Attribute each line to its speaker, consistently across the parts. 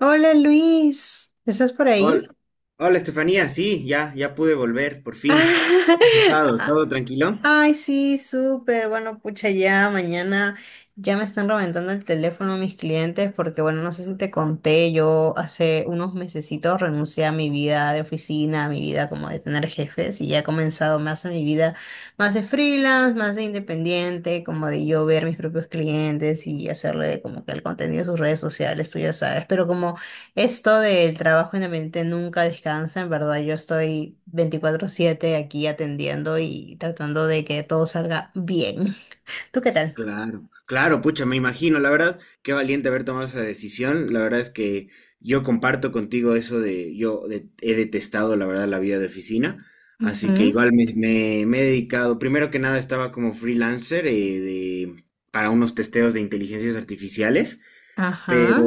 Speaker 1: Hola, Luis, ¿estás por ahí?
Speaker 2: Hola, Estefanía, sí, ya pude volver, por fin. ¿Cómo has estado?
Speaker 1: Ah,
Speaker 2: ¿Todo tranquilo?
Speaker 1: ay, sí, súper. Bueno, pucha, ya mañana ya me están reventando el teléfono mis clientes porque, bueno, no sé si te conté, yo hace unos mesecitos renuncié a mi vida de oficina, a mi vida como de tener jefes y ya he comenzado más a mi vida más de freelance, más de independiente, como de yo ver mis propios clientes y hacerle como que el contenido de sus redes sociales, tú ya sabes, pero como... esto del trabajo en la mente nunca descansa, en verdad. Yo estoy 24/7 aquí atendiendo y tratando de que todo salga bien. ¿Tú qué tal?
Speaker 2: Claro, claro, pucha, me imagino, la verdad, qué valiente haber tomado esa decisión. La verdad es que yo comparto contigo eso de, he detestado, la verdad, la vida de oficina, así que
Speaker 1: Ujú.
Speaker 2: igual me he dedicado, primero que nada estaba como freelancer para unos testeos de inteligencias artificiales, pero
Speaker 1: Ajá.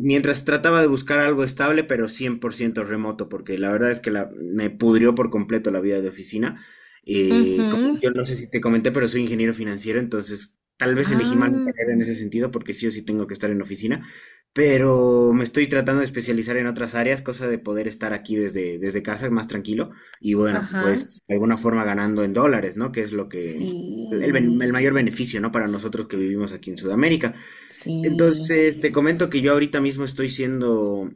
Speaker 2: mientras trataba de buscar algo estable, pero 100% remoto, porque la verdad es que me pudrió por completo la vida de oficina.
Speaker 1: Ujú.
Speaker 2: Yo no sé si te comenté, pero soy ingeniero financiero, entonces tal vez elegí mal mi
Speaker 1: Ah,
Speaker 2: carrera en ese sentido, porque sí o sí tengo que estar en oficina, pero me estoy tratando de especializar en otras áreas, cosa de poder estar aquí desde casa más tranquilo y bueno,
Speaker 1: ajá.
Speaker 2: pues de alguna forma ganando en dólares, ¿no? Que es lo que... el mayor
Speaker 1: Sí.
Speaker 2: beneficio, ¿no? Para nosotros que vivimos aquí en Sudamérica.
Speaker 1: Sí.
Speaker 2: Entonces, te comento que yo ahorita mismo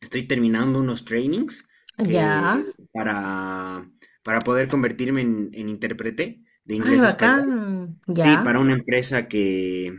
Speaker 2: estoy terminando unos trainings que
Speaker 1: Ya.
Speaker 2: para, para poder convertirme en intérprete de
Speaker 1: Ay,
Speaker 2: inglés a español.
Speaker 1: bacán. Ya.
Speaker 2: Sí, para una empresa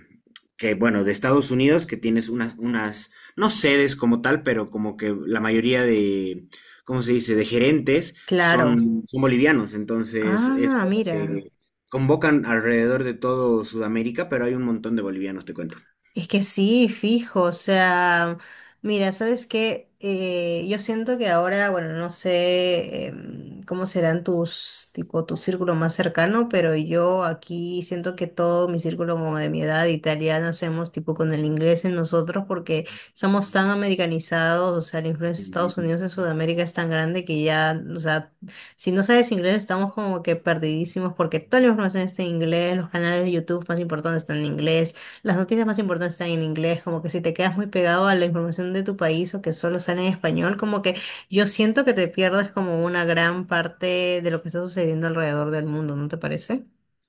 Speaker 2: que, bueno, de Estados Unidos, que tienes unas, no sedes como tal, pero como que la mayoría de, ¿cómo se dice?, de gerentes
Speaker 1: Claro.
Speaker 2: son bolivianos. Entonces, es
Speaker 1: Ah,
Speaker 2: como
Speaker 1: mira.
Speaker 2: que convocan alrededor de todo Sudamérica, pero hay un montón de bolivianos, te cuento.
Speaker 1: Es que sí, fijo, o sea, mira, ¿sabes qué? Yo siento que ahora, bueno, no sé, cómo serán tus, tipo, tu círculo más cercano, pero yo aquí siento que todo mi círculo como de mi edad italiana hacemos tipo con el inglés en nosotros porque estamos tan americanizados, o sea, la influencia de Estados Unidos en Sudamérica es tan grande que ya, o sea, si no sabes inglés estamos como que perdidísimos porque toda la información está en inglés, los canales de YouTube más importantes están en inglés. Las noticias más importantes están en inglés, como que si te quedas muy pegado a la información de tu país o que solo sale en español, como que yo siento que te pierdes como una gran parte de lo que está sucediendo alrededor del mundo, ¿no te parece?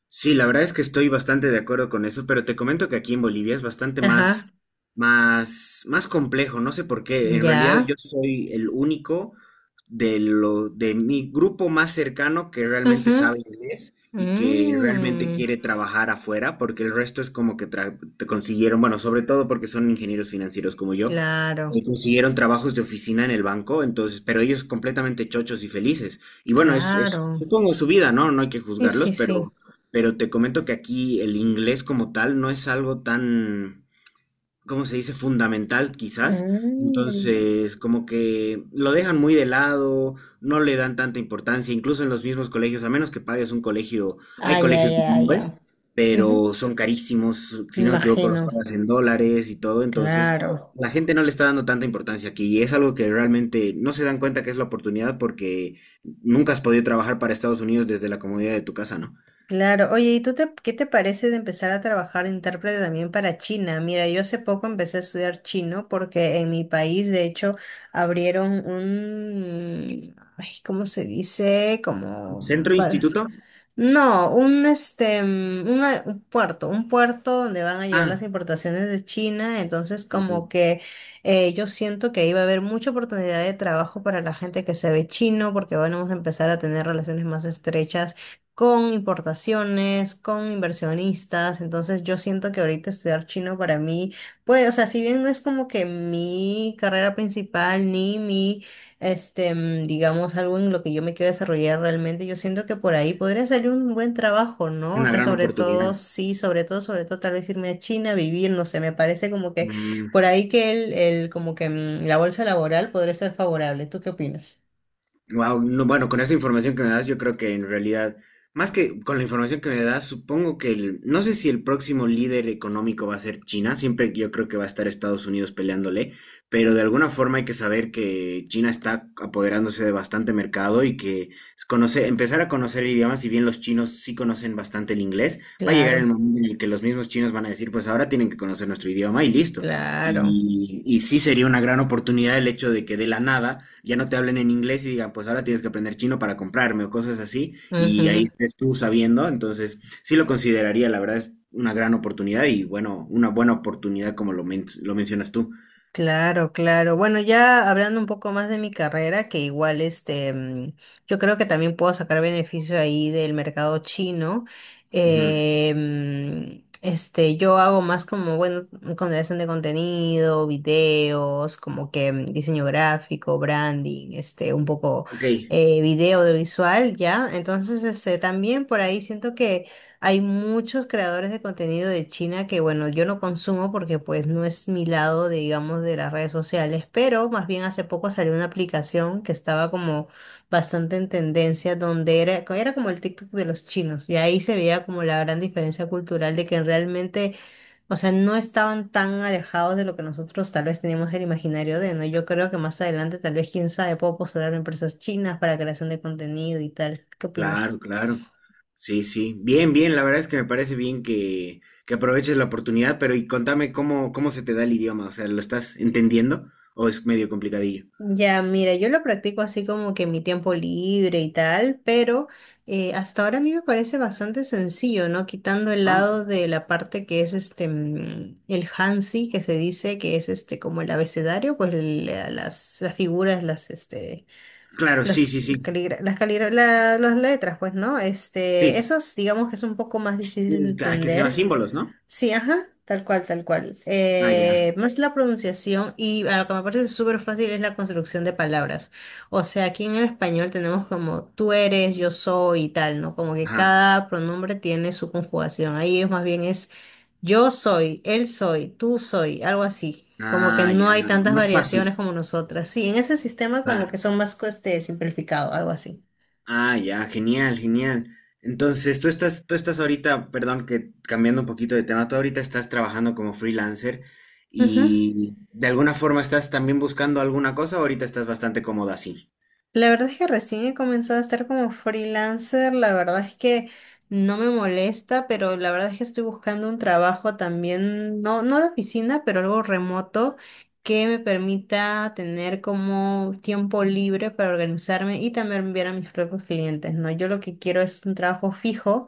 Speaker 2: Sí, la verdad es que estoy bastante de acuerdo con eso, pero te comento que aquí en Bolivia es bastante más,
Speaker 1: Ajá.
Speaker 2: más complejo, no sé por qué. En realidad
Speaker 1: Ya.
Speaker 2: yo soy el único de mi grupo más cercano que realmente
Speaker 1: Ujú.
Speaker 2: sabe inglés y que realmente
Speaker 1: Mm,
Speaker 2: quiere trabajar afuera, porque el resto es como que te consiguieron, bueno, sobre todo porque son ingenieros financieros como yo,
Speaker 1: claro,
Speaker 2: consiguieron trabajos de oficina en el banco, entonces, pero ellos completamente chochos y felices. Y bueno, es
Speaker 1: claro.
Speaker 2: supongo su vida, ¿no? No hay que
Speaker 1: Sí, sí,
Speaker 2: juzgarlos,
Speaker 1: sí.
Speaker 2: pero te comento que aquí el inglés como tal no es algo tan, ¿cómo se dice? Fundamental, quizás.
Speaker 1: Mm.
Speaker 2: Entonces, como que lo dejan muy de lado, no le dan tanta importancia, incluso en los mismos colegios, a menos que pagues un colegio, hay
Speaker 1: Ah, ya,
Speaker 2: colegios
Speaker 1: ya, ya.
Speaker 2: bilingües,
Speaker 1: Ujú.
Speaker 2: pero son carísimos,
Speaker 1: Me
Speaker 2: si no me equivoco, los
Speaker 1: imagino,
Speaker 2: pagas en dólares y todo, entonces
Speaker 1: claro.
Speaker 2: la gente no le está dando tanta importancia aquí y es algo que realmente no se dan cuenta que es la oportunidad porque nunca has podido trabajar para Estados Unidos desde la comodidad de tu casa, ¿no?
Speaker 1: Claro, oye, ¿y tú te, qué te parece de empezar a trabajar de intérprete también para China? Mira, yo hace poco empecé a estudiar chino porque en mi país, de hecho, abrieron un, ay, ¿cómo se dice? Como
Speaker 2: Centro
Speaker 1: para,
Speaker 2: instituto,
Speaker 1: no, un un puerto donde van a llegar las
Speaker 2: ah,
Speaker 1: importaciones de China, entonces como que yo siento que ahí va a haber mucha oportunidad de trabajo para la gente que se ve chino, porque bueno, vamos a empezar a tener relaciones más estrechas con importaciones, con inversionistas, entonces yo siento que ahorita estudiar chino para mí, pues, o sea, si bien no es como que mi carrera principal ni mi digamos, algo en lo que yo me quiero desarrollar realmente, yo siento que por ahí podría salir un buen trabajo, ¿no? O
Speaker 2: una
Speaker 1: sea,
Speaker 2: gran
Speaker 1: sobre todo,
Speaker 2: oportunidad.
Speaker 1: sí, sobre todo, tal vez irme a China a vivir, no sé, me parece como que
Speaker 2: Mm.
Speaker 1: por ahí que el como que la bolsa laboral podría ser favorable. ¿Tú qué opinas?
Speaker 2: Wow, no, bueno, con esta información que me das, yo creo que en realidad, más que con la información que me das, supongo que no sé si el próximo líder económico va a ser China, siempre yo creo que va a estar Estados Unidos peleándole, pero de alguna forma hay que saber que China está apoderándose de bastante mercado y que conocer, empezar a conocer idiomas, si bien los chinos sí conocen bastante el inglés, va a llegar el
Speaker 1: Claro,
Speaker 2: momento en el que los mismos chinos van a decir, pues ahora tienen que conocer nuestro idioma y listo.
Speaker 1: claro.
Speaker 2: Y sí sería una gran oportunidad el hecho de que de la nada ya no te hablen en inglés y digan, pues ahora tienes que aprender chino para comprarme o cosas así, y ahí
Speaker 1: Ujú.
Speaker 2: estés tú sabiendo. Entonces, sí lo consideraría, la verdad es una gran oportunidad y bueno, una buena oportunidad como lo mencionas tú.
Speaker 1: Claro, claro. Bueno, ya hablando un poco más de mi carrera, que igual yo creo que también puedo sacar beneficio ahí del mercado chino.
Speaker 2: Ujú.
Speaker 1: Yo hago más como, bueno, con creación de contenido, videos, como que diseño gráfico, branding, este, un poco
Speaker 2: Ok,
Speaker 1: video audiovisual, ¿ya? Entonces, este, también por ahí siento que hay muchos creadores de contenido de China que, bueno, yo no consumo porque pues no es mi lado, de, digamos, de las redes sociales, pero más bien hace poco salió una aplicación que estaba como bastante en tendencia, donde era como el TikTok de los chinos, y ahí se veía como la gran diferencia cultural de que realmente, o sea, no estaban tan alejados de lo que nosotros tal vez teníamos el imaginario de, ¿no? Yo creo que más adelante, tal vez, quién sabe, puedo postular a empresas chinas para creación de contenido y tal. ¿Qué
Speaker 2: claro,
Speaker 1: opinas?
Speaker 2: claro. Sí, sí. Bien, bien, la verdad es que me parece bien que aproveches la oportunidad, pero y contame cómo se te da el idioma, o sea, ¿lo estás entendiendo o es medio complicadillo?
Speaker 1: Ya, mira, yo lo practico así como que en mi tiempo libre y tal, pero hasta ahora a mí me parece bastante sencillo, ¿no? Quitando el
Speaker 2: Ah,
Speaker 1: lado de la parte que es el Hansi, que se dice que es este como el abecedario, pues las figuras, las, este,
Speaker 2: claro, sí,
Speaker 1: los
Speaker 2: sí, sí.
Speaker 1: caligra- las, caligra- la- las letras, pues, ¿no? Este,
Speaker 2: Sí,
Speaker 1: esos digamos que es un poco más difícil de
Speaker 2: ah, ¿que se llama
Speaker 1: entender.
Speaker 2: símbolos, ¿no?
Speaker 1: Sí, ajá, tal cual, tal cual.
Speaker 2: Ah, ya.
Speaker 1: Más la pronunciación y a lo que me parece súper fácil es la construcción de palabras. O sea, aquí en el español tenemos como tú eres, yo soy y tal, ¿no? Como que
Speaker 2: Ajá.
Speaker 1: cada pronombre tiene su conjugación. Ahí es más bien es yo soy, él soy, tú soy, algo así. Como que
Speaker 2: Ah, ya.
Speaker 1: no hay tantas
Speaker 2: Más fácil.
Speaker 1: variaciones como nosotras. Sí, en ese sistema como que
Speaker 2: Claro.
Speaker 1: son más simplificado, algo así.
Speaker 2: Ah, ya. Genial, genial. Entonces, tú estás ahorita, perdón, que cambiando un poquito de tema, tú ahorita estás trabajando como freelancer y de alguna forma estás también buscando alguna cosa o ahorita estás bastante cómodo así.
Speaker 1: La verdad es que recién he comenzado a estar como freelancer, la verdad es que no me molesta, pero la verdad es que estoy buscando un trabajo también, no, no de oficina, pero algo remoto que me permita tener como tiempo libre para organizarme y también enviar a mis propios clientes, ¿no? Yo lo que quiero es un trabajo fijo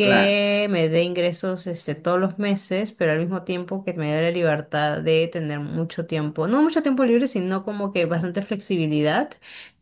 Speaker 2: Claro.
Speaker 1: me dé ingresos todos los meses, pero al mismo tiempo que me dé la libertad de tener mucho tiempo, no mucho tiempo libre, sino como que bastante flexibilidad,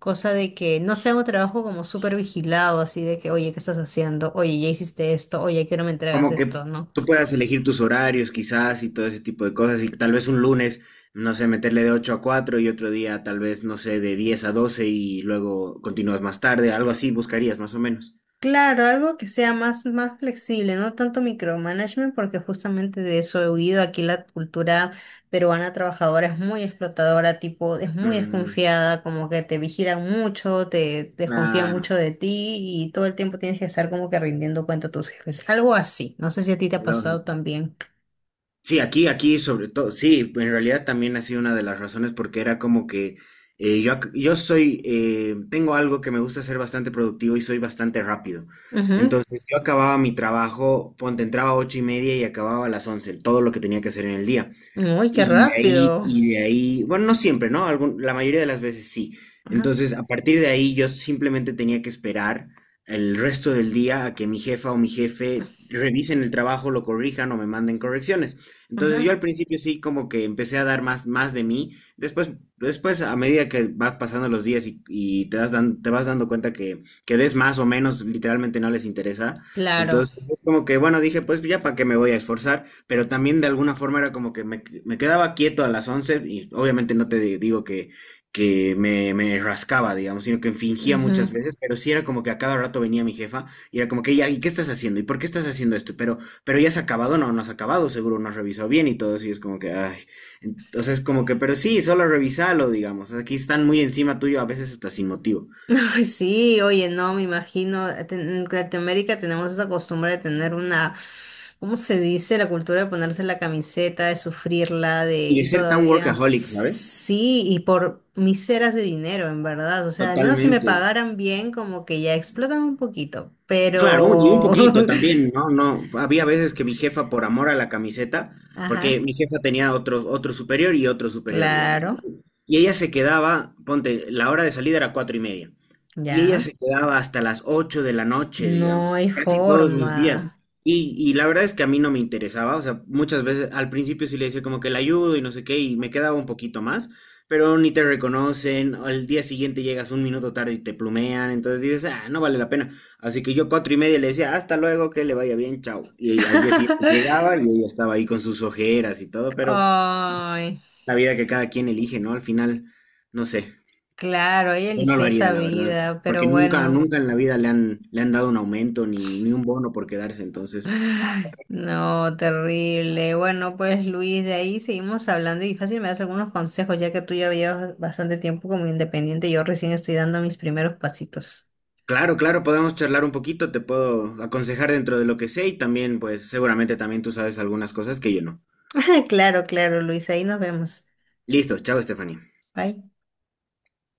Speaker 1: cosa de que no sea un trabajo como súper vigilado, así de que, oye, ¿qué estás haciendo? Oye, ya hiciste esto, oye, ¿a qué hora me entregas
Speaker 2: Como que
Speaker 1: esto? ¿No?
Speaker 2: tú puedas elegir tus horarios quizás y todo ese tipo de cosas y tal vez un lunes, no sé, meterle de 8 a 4 y otro día tal vez, no sé, de 10 a 12 y luego continúas más tarde, algo así buscarías más o menos.
Speaker 1: Claro, algo que sea más flexible, no tanto micromanagement, porque justamente de eso he huido. Aquí la cultura peruana trabajadora es muy explotadora, tipo, es muy
Speaker 2: Mm,
Speaker 1: desconfiada, como que te vigilan mucho, te desconfían
Speaker 2: claro,
Speaker 1: mucho de ti y todo el tiempo tienes que estar como que rindiendo cuenta a tus jefes. Algo así. No sé si a ti te ha pasado
Speaker 2: lógico.
Speaker 1: también.
Speaker 2: Sí, aquí sobre todo, sí, en realidad también ha sido una de las razones porque era como que yo soy, tengo algo que me gusta ser bastante productivo y soy bastante rápido.
Speaker 1: Ujú.
Speaker 2: Entonces yo acababa mi trabajo, ponte, entraba a 8:30 y acababa a las 11, todo lo que tenía que hacer en el día.
Speaker 1: Uy, qué rápido.
Speaker 2: Y de ahí, bueno, no siempre, ¿no? Algún- la mayoría de las veces sí.
Speaker 1: Ajá,
Speaker 2: Entonces, a partir de ahí, yo simplemente tenía que esperar el resto del día a que mi jefa o mi jefe revisen el trabajo, lo corrijan o me manden correcciones. Entonces, yo
Speaker 1: ajá.
Speaker 2: al principio sí como que empecé a dar más, más de mí. Después, después, a medida que van pasando los días y te vas dando cuenta que des más o menos, literalmente no les interesa.
Speaker 1: Claro.
Speaker 2: Entonces, es como que, bueno, dije, pues ya para qué me voy a esforzar pero también de alguna forma era como que me quedaba quieto a las 11 y obviamente no digo que me rascaba, digamos, sino que fingía muchas
Speaker 1: Ujú.
Speaker 2: veces, pero sí era como que a cada rato venía mi jefa y era como que, ya, ¿y qué estás haciendo? ¿Y por qué estás haciendo esto? Pero ya has acabado, no, no has acabado, seguro no has revisado bien y todo eso y es como que, ay, entonces como que, pero sí, solo revisalo, digamos, aquí están muy encima tuyo, a veces hasta sin motivo.
Speaker 1: Ay, sí, oye, no, me imagino, en Latinoamérica tenemos esa costumbre de tener una, ¿cómo se dice? La cultura de ponerse la camiseta, de sufrirla, de,
Speaker 2: Y de
Speaker 1: y
Speaker 2: ser tan
Speaker 1: todavía
Speaker 2: workaholic, ¿sabes?
Speaker 1: sí, y por miseras de dinero, en verdad. O sea, al menos si me
Speaker 2: Totalmente.
Speaker 1: pagaran bien, como que ya explotan un poquito,
Speaker 2: Claro, y un
Speaker 1: pero...
Speaker 2: poquito también, ¿no? No, había veces que mi jefa, por amor a la camiseta, porque
Speaker 1: Ajá,
Speaker 2: mi jefa tenía otro, otro superior y otro superior, digamos.
Speaker 1: claro,
Speaker 2: Y ella se quedaba, ponte, la hora de salida era 4:30. Y ella
Speaker 1: ya.
Speaker 2: se quedaba hasta las 8 de la noche, digamos,
Speaker 1: No hay
Speaker 2: casi todos los días.
Speaker 1: forma.
Speaker 2: Y la verdad es que a mí no me interesaba, o sea, muchas veces al principio sí le decía como que la ayudo y no sé qué, y me quedaba un poquito más, pero ni te reconocen, al día siguiente llegas un minuto tarde y te plumean, entonces dices, ah, no vale la pena. Así que yo 4:30 le decía, hasta luego, que le vaya bien, chao. Y al día siguiente llegaba y ella estaba ahí con sus ojeras y todo, pero
Speaker 1: Ay,
Speaker 2: la vida que cada quien elige, ¿no? Al final, no sé,
Speaker 1: claro, ella
Speaker 2: yo no lo
Speaker 1: eligió
Speaker 2: haría,
Speaker 1: esa
Speaker 2: la verdad,
Speaker 1: vida,
Speaker 2: porque
Speaker 1: pero
Speaker 2: nunca,
Speaker 1: bueno.
Speaker 2: nunca en la vida le han dado un aumento ni un bono por quedarse, entonces,
Speaker 1: Ay, no, terrible. Bueno, pues Luis, de ahí seguimos hablando y fácil me das algunos consejos, ya que tú ya llevas bastante tiempo como independiente, yo recién estoy dando mis primeros pasitos.
Speaker 2: claro, claro, podemos charlar un poquito, te puedo aconsejar dentro de lo que sé y también, pues, seguramente también tú sabes algunas cosas que yo no.
Speaker 1: Claro, claro, Luis, ahí nos vemos.
Speaker 2: Listo, chao, Stephanie.
Speaker 1: Bye.